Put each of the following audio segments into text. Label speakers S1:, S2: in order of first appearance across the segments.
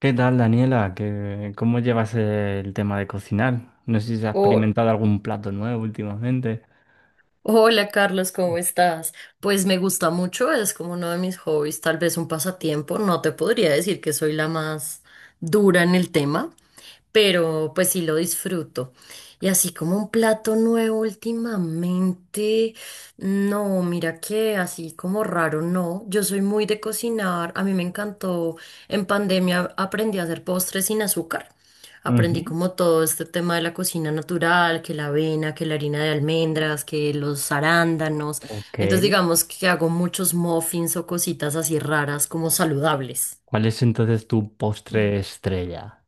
S1: ¿Qué tal, Daniela? ¿Cómo llevas el tema de cocinar? No sé si has
S2: Oh,
S1: experimentado algún plato nuevo últimamente.
S2: hola Carlos, ¿cómo estás? Pues me gusta mucho, es como uno de mis hobbies, tal vez un pasatiempo. No te podría decir que soy la más dura en el tema, pero pues sí lo disfruto. Y así como un plato nuevo últimamente, no, mira que así como raro, no. Yo soy muy de cocinar, a mí me encantó. En pandemia aprendí a hacer postres sin azúcar.
S1: Ujú.
S2: Aprendí como todo este tema de la cocina natural, que la avena, que la harina de almendras, que los arándanos.
S1: Ok.
S2: Entonces digamos que hago muchos muffins o cositas así raras como saludables.
S1: ¿Cuál es entonces tu postre estrella?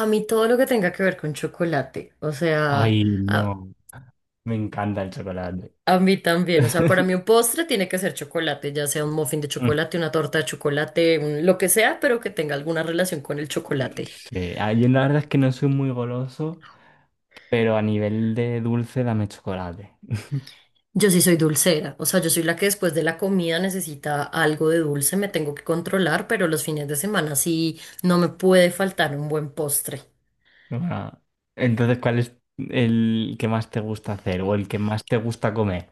S2: A mí todo lo que tenga que ver con chocolate, o sea,
S1: Ay,
S2: a,
S1: no. Me encanta el chocolate.
S2: a mí también, o sea, para mí un postre tiene que ser chocolate, ya sea un muffin de
S1: Mm.
S2: chocolate, una torta de chocolate, lo que sea, pero que tenga alguna relación con el chocolate.
S1: Sí, ah, yo la verdad es que no soy muy goloso, pero a nivel de dulce dame chocolate.
S2: Yo sí soy dulcera, o sea, yo soy la que después de la comida necesita algo de dulce, me tengo que controlar, pero los fines de semana sí no me puede faltar un buen postre.
S1: Ah, entonces, ¿cuál es el que más te gusta hacer o el que más te gusta comer?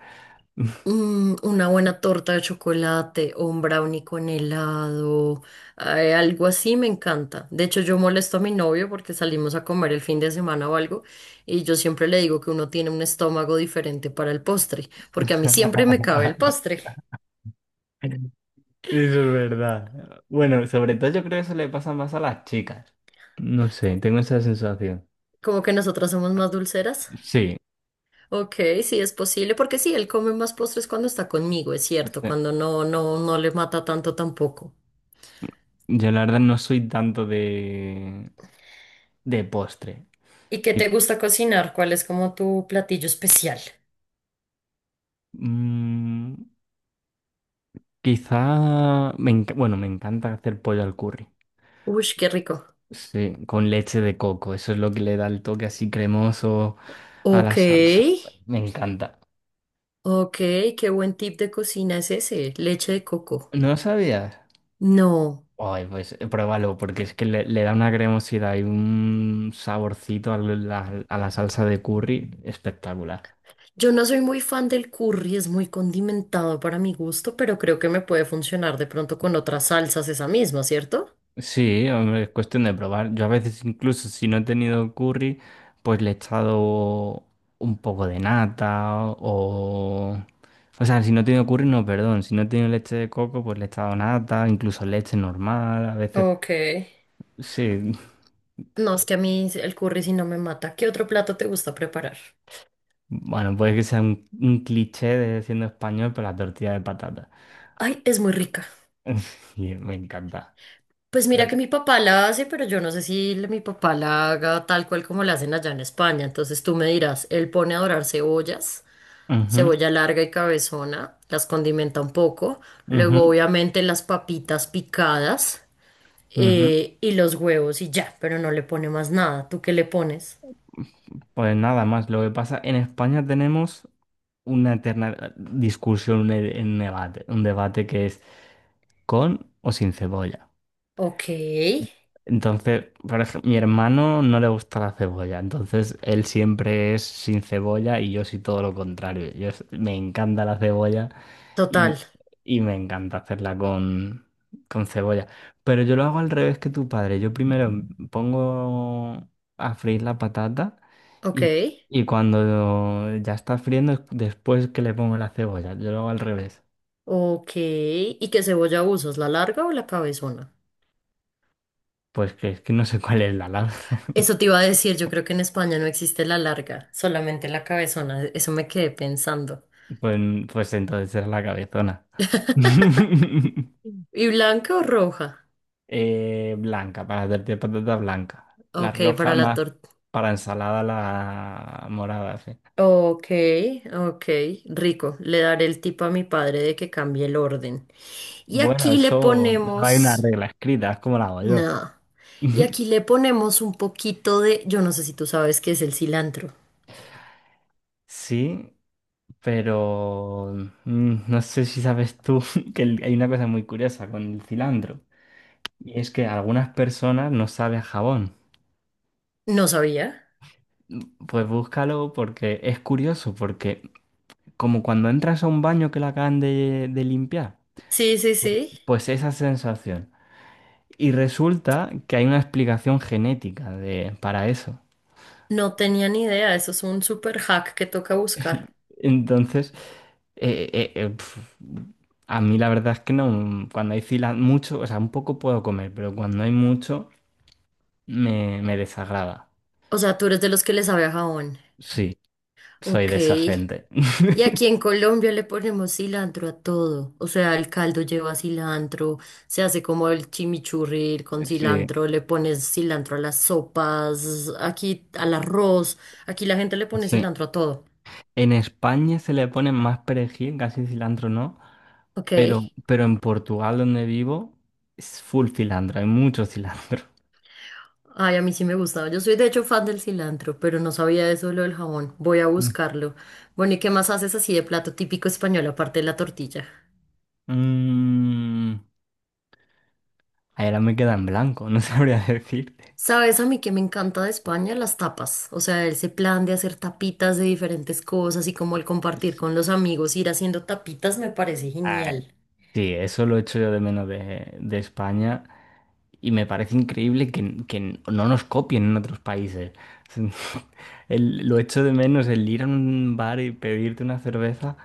S2: Mm, una buena torta de chocolate o un brownie con helado, algo así me encanta. De hecho, yo molesto a mi novio porque salimos a comer el fin de semana o algo y yo siempre le digo que uno tiene un estómago diferente para el postre, porque a mí siempre me cabe el postre.
S1: Eso es verdad. Bueno, sobre todo yo creo que eso le pasa más a las chicas. No sé, tengo esa sensación.
S2: Como que nosotras somos más dulceras.
S1: Sí,
S2: Ok, sí es posible, porque sí, él come más postres cuando está conmigo, es
S1: no
S2: cierto,
S1: sé.
S2: cuando no, no, no le mata tanto tampoco.
S1: Yo la verdad no soy tanto de postre.
S2: ¿Y qué
S1: Qui-
S2: te gusta cocinar? ¿Cuál es como tu platillo especial?
S1: mm, bueno, me encanta hacer pollo al curry.
S2: Uy, qué rico.
S1: Sí, con leche de coco. Eso es lo que le da el toque así cremoso a
S2: Ok,
S1: la salsa. Me encanta.
S2: ok, qué buen tip de cocina es ese, leche de coco.
S1: ¿No sabías?
S2: No,
S1: Ay, pues pruébalo, porque es que le da una cremosidad y un saborcito a a la salsa de curry espectacular.
S2: yo no soy muy fan del curry, es muy condimentado para mi gusto, pero creo que me puede funcionar de pronto con otras salsas esa misma, ¿cierto?
S1: Sí, hombre, es cuestión de probar. Yo a veces incluso si no he tenido curry, pues le he echado un poco de nata o... O sea, si no he tenido curry, no, perdón. Si no he tenido leche de coco, pues le he echado nata, incluso leche normal. A veces,
S2: Ok.
S1: sí.
S2: No, es que a mí el curry sí no me mata. ¿Qué otro plato te gusta preparar?
S1: Bueno, puede que sea un cliché de siendo español, pero la tortilla de patata.
S2: Ay, es muy rica.
S1: Y me encanta.
S2: Pues mira que
S1: Del-
S2: mi papá la hace, pero yo no sé si mi papá la haga tal cual como la hacen allá en España. Entonces tú me dirás, él pone a dorar cebollas.
S1: Ujú,
S2: Cebolla larga y cabezona, las condimenta un poco, luego
S1: ujú,
S2: obviamente las papitas picadas
S1: ujú.
S2: y los huevos y ya, pero no le pone más nada. ¿Tú qué le pones?
S1: Pues nada más, lo que pasa, en España tenemos una eterna discusión, un debate que es con o sin cebolla.
S2: Ok,
S1: Entonces, por ejemplo, mi hermano no le gusta la cebolla, entonces él siempre es sin cebolla y yo sí todo lo contrario. Me encanta la cebolla y,
S2: total,
S1: y me encanta hacerla con cebolla. Pero yo lo hago al revés que tu padre. Yo primero pongo a freír la patata
S2: ok,
S1: y, y cuando ya está friendo es después que le pongo la cebolla. Yo lo hago al revés.
S2: ok. ¿Y qué cebolla usas, la larga o la cabezona?
S1: Pues que es que no sé cuál es la lana.
S2: Eso te iba a decir, yo creo que en España no existe la larga, solamente la cabezona, eso me quedé pensando.
S1: Pues, pues entonces era la cabezona.
S2: ¿Y blanca o roja?
S1: Blanca, para hacerte patata blanca. La
S2: Ok,
S1: roja
S2: para la
S1: más
S2: tortilla.
S1: para ensalada, la morada, sí.
S2: Ok, ok, rico. Le daré el tip a mi padre de que cambie el orden. Y
S1: Bueno,
S2: aquí le
S1: eso no hay una
S2: ponemos,
S1: regla escrita, es como la hago yo.
S2: nada. Y aquí le ponemos un poquito de, yo no sé si tú sabes qué es el cilantro.
S1: Sí, pero no sé si sabes tú hay una cosa muy curiosa con el cilantro. Y es que a algunas personas no sabe a jabón.
S2: No sabía.
S1: Pues búscalo porque es curioso, porque como cuando entras a un baño que la acaban de limpiar,
S2: Sí, sí, sí.
S1: pues esa sensación. Y resulta que hay una explicación genética para eso.
S2: No tenía ni idea. Eso es un super hack que toca buscar.
S1: Entonces, eh, eh, eh, pf, a mí la verdad es que no, cuando hay fila mucho, o sea, un poco puedo comer, pero cuando hay mucho me desagrada.
S2: O sea, tú eres de los que les sabe a jabón.
S1: Sí, soy de
S2: Ok.
S1: esa gente.
S2: Y aquí en Colombia le ponemos cilantro a todo. O sea, el caldo lleva cilantro, se hace como el chimichurri con
S1: Sí,
S2: cilantro, le pones cilantro a las sopas, aquí al arroz. Aquí la gente le pone
S1: sí.
S2: cilantro a todo.
S1: En España se le pone más perejil, casi cilantro no.
S2: Ok.
S1: Pero en Portugal, donde vivo, es full cilantro, hay mucho cilantro.
S2: Ay, a mí sí me gustaba. Yo soy de hecho fan del cilantro, pero no sabía eso de lo del jabón. Voy a
S1: Mm.
S2: buscarlo. Bueno, ¿y qué más haces así de plato típico español aparte de la tortilla?
S1: Mm, ahora me queda en blanco, no sabría decirte.
S2: Sabes a mí que me encanta de España las tapas, o sea, ese plan de hacer tapitas de diferentes cosas y como el compartir
S1: Es-
S2: con los amigos, ir haciendo tapitas me parece
S1: Ay,
S2: genial.
S1: sí, eso lo echo yo de menos de España y me parece increíble que no nos copien en otros países. Lo echo de menos el ir a un bar y pedirte una cerveza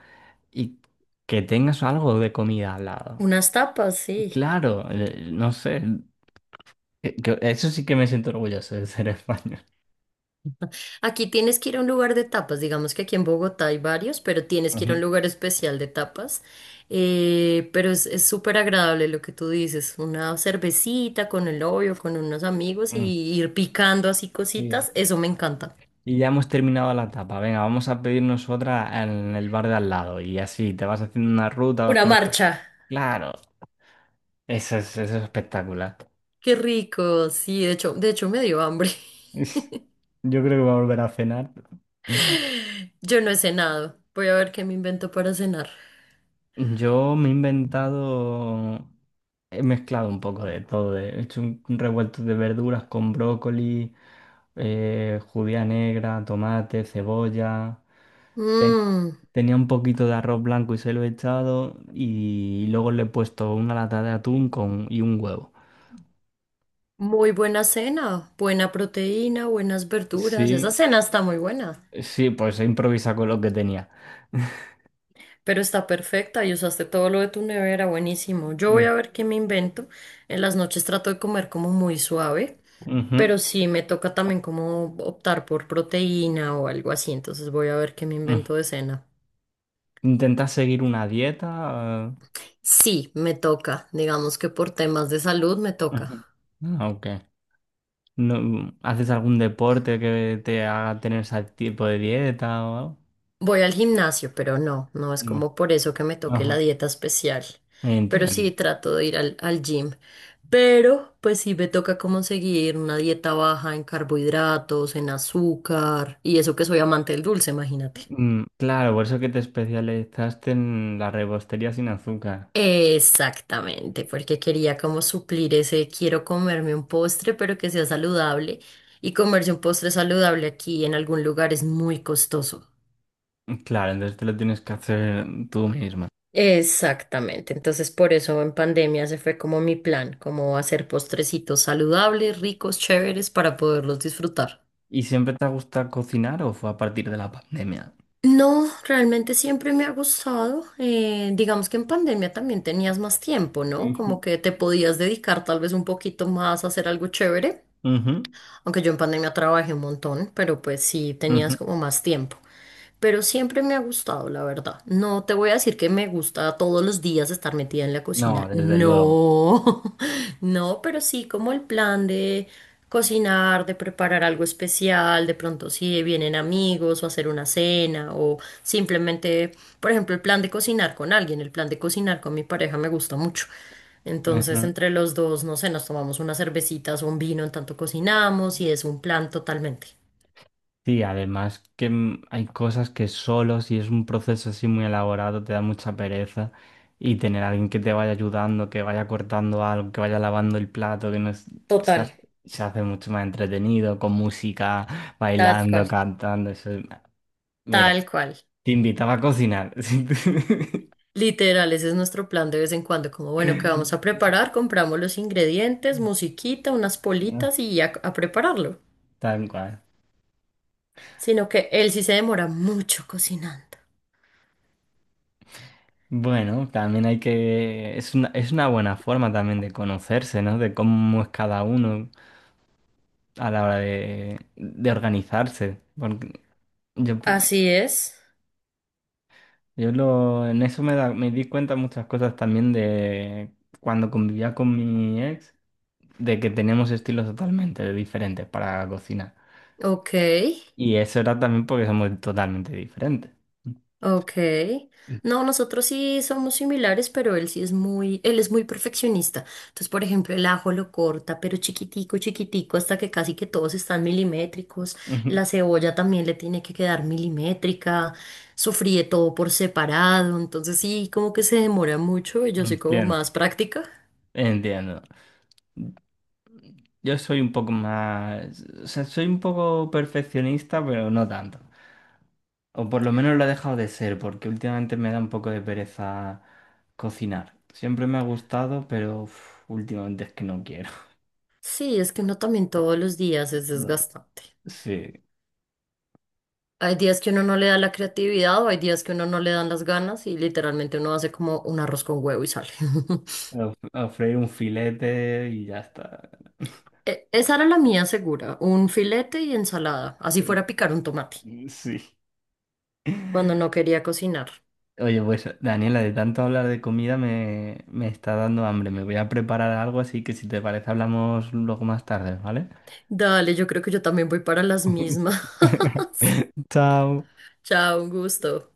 S1: y que tengas algo de comida al lado.
S2: Unas tapas, sí.
S1: Claro, no sé, eso sí que me siento orgulloso de ser español.
S2: Aquí tienes que ir a un lugar de tapas, digamos que aquí en Bogotá hay varios, pero tienes que ir a
S1: Ujú,
S2: un lugar especial de tapas. Pero es súper agradable lo que tú dices, una cervecita con el novio, con unos amigos y
S1: ujú.
S2: ir picando así
S1: Sí.
S2: cositas, eso me encanta.
S1: Y ya hemos terminado la tapa. Venga, vamos a pedirnos otra en el bar de al lado. Y así te vas haciendo una ruta, vas
S2: Una
S1: conociendo.
S2: marcha.
S1: Claro, eso es espectacular.
S2: Qué rico, sí, de hecho me dio hambre.
S1: Yo creo que voy a volver a cenar.
S2: Yo no he cenado. Voy a ver qué me invento para cenar.
S1: Yo me he inventado, he mezclado un poco de todo, he hecho un revuelto de verduras con brócoli, judía negra, tomate, cebolla. Ten-
S2: Mmm,
S1: Tenía un poquito de arroz blanco y se lo he echado y luego le he puesto una lata de atún con, y un huevo.
S2: muy buena cena, buena proteína, buenas verduras.
S1: Sí,
S2: Esa cena está muy buena,
S1: sí, pues he improvisado con lo que tenía.
S2: pero está perfecta y usaste todo lo de tu nevera, buenísimo. Yo voy
S1: Mm,
S2: a ver qué me invento. En las noches trato de comer como muy suave,
S1: ujú,
S2: pero sí me toca también como optar por proteína o algo así, entonces voy a ver qué me
S1: mm.
S2: invento de cena.
S1: ¿Intentas seguir una dieta?
S2: Sí, me toca. Digamos que por temas de salud me
S1: Ujú.
S2: toca.
S1: Ah, ok. No, ¿haces algún deporte que te haga tener ese tipo de dieta o algo?
S2: Voy al gimnasio, pero no, no es
S1: No.
S2: como por eso que me toque la
S1: Ajá,
S2: dieta especial. Pero sí
S1: entiendo.
S2: trato de ir al gym. Pero pues sí me toca como seguir una dieta baja en carbohidratos, en azúcar y eso que soy amante del dulce, imagínate.
S1: Mm, claro, por eso que te especializaste en la repostería sin azúcar.
S2: Exactamente, porque quería como suplir ese quiero comerme un postre, pero que sea saludable. Y comerse un postre saludable aquí en algún lugar es muy costoso.
S1: Claro, entonces te lo tienes que hacer tú misma.
S2: Exactamente, entonces por eso en pandemia se fue como mi plan, como hacer postrecitos saludables, ricos, chéveres para poderlos disfrutar.
S1: ¿Y siempre te gusta cocinar o fue a partir de la pandemia?
S2: No, realmente siempre me ha gustado. Digamos que en pandemia también tenías más tiempo, ¿no?
S1: Ujú,
S2: Como que te podías dedicar tal vez un poquito más a hacer algo chévere.
S1: ujú,
S2: Aunque yo en pandemia trabajé un montón, pero pues sí
S1: ujú.
S2: tenías como más tiempo. Pero siempre me ha gustado, la verdad. No te voy a decir que me gusta todos los días estar metida en la
S1: No,
S2: cocina.
S1: desde luego.
S2: No. No, pero sí como el plan de cocinar, de preparar algo especial, de pronto si vienen amigos o hacer una cena o simplemente, por ejemplo, el plan de cocinar con alguien, el plan de cocinar con mi pareja me gusta mucho. Entonces, entre los dos, no sé, nos tomamos unas cervecitas o un vino en tanto cocinamos y es un plan totalmente.
S1: Sí, además que hay cosas que solo si es un proceso así muy elaborado te da mucha pereza y tener a alguien que te vaya ayudando, que vaya cortando algo, que vaya lavando el plato, que no es- se
S2: Total,
S1: hace, se hace mucho más entretenido con música,
S2: tal
S1: bailando,
S2: cual.
S1: cantando, eso. Mira,
S2: Tal cual.
S1: te invitaba a cocinar.
S2: Literal, ese es nuestro plan de vez en cuando, como bueno, ¿qué vamos a preparar? Compramos los ingredientes, musiquita, unas politas y a prepararlo.
S1: Tal cual.
S2: Sino que él sí se demora mucho cocinando.
S1: Bueno, también hay que... es una buena forma también de conocerse, ¿no? De cómo es cada uno a la hora de organizarse. Porque yo,
S2: Así es.
S1: en eso me di cuenta muchas cosas también de cuando convivía con mi ex, de que teníamos estilos totalmente diferentes para cocinar.
S2: Ok.
S1: Y eso era también porque somos totalmente diferentes.
S2: Ok. No, nosotros sí somos similares, pero él sí es muy, él es muy perfeccionista. Entonces, por ejemplo, el ajo lo corta, pero chiquitico, chiquitico, hasta que casi que todos están milimétricos.
S1: Ujú,
S2: La cebolla también le tiene que quedar milimétrica. Sofríe todo por separado. Entonces, sí, como que se demora mucho y yo soy como
S1: entiendo,
S2: más práctica.
S1: entiendo. Yo soy un poco más, o sea, soy un poco perfeccionista, pero no tanto. O por lo menos lo ha dejado de ser, porque últimamente me da un poco de pereza cocinar. Siempre me ha gustado, pero uf, últimamente es que no quiero.
S2: Sí, es que uno también todos los días es
S1: No.
S2: desgastante.
S1: Sí,
S2: Hay días que uno no le da la creatividad o hay días que uno no le dan las ganas y literalmente uno hace como un arroz con huevo y sale.
S1: a- a freír un filete y ya está.
S2: E- esa era la mía segura, un filete y ensalada, así fuera a picar un tomate,
S1: Sí.
S2: cuando no quería cocinar.
S1: Oye, pues Daniela, de tanto hablar de comida me está dando hambre. Me voy a preparar algo, así que si te parece hablamos luego más tarde, ¿vale?
S2: Dale, yo creo que yo también voy para las mismas.
S1: Chao.
S2: Chao, un gusto.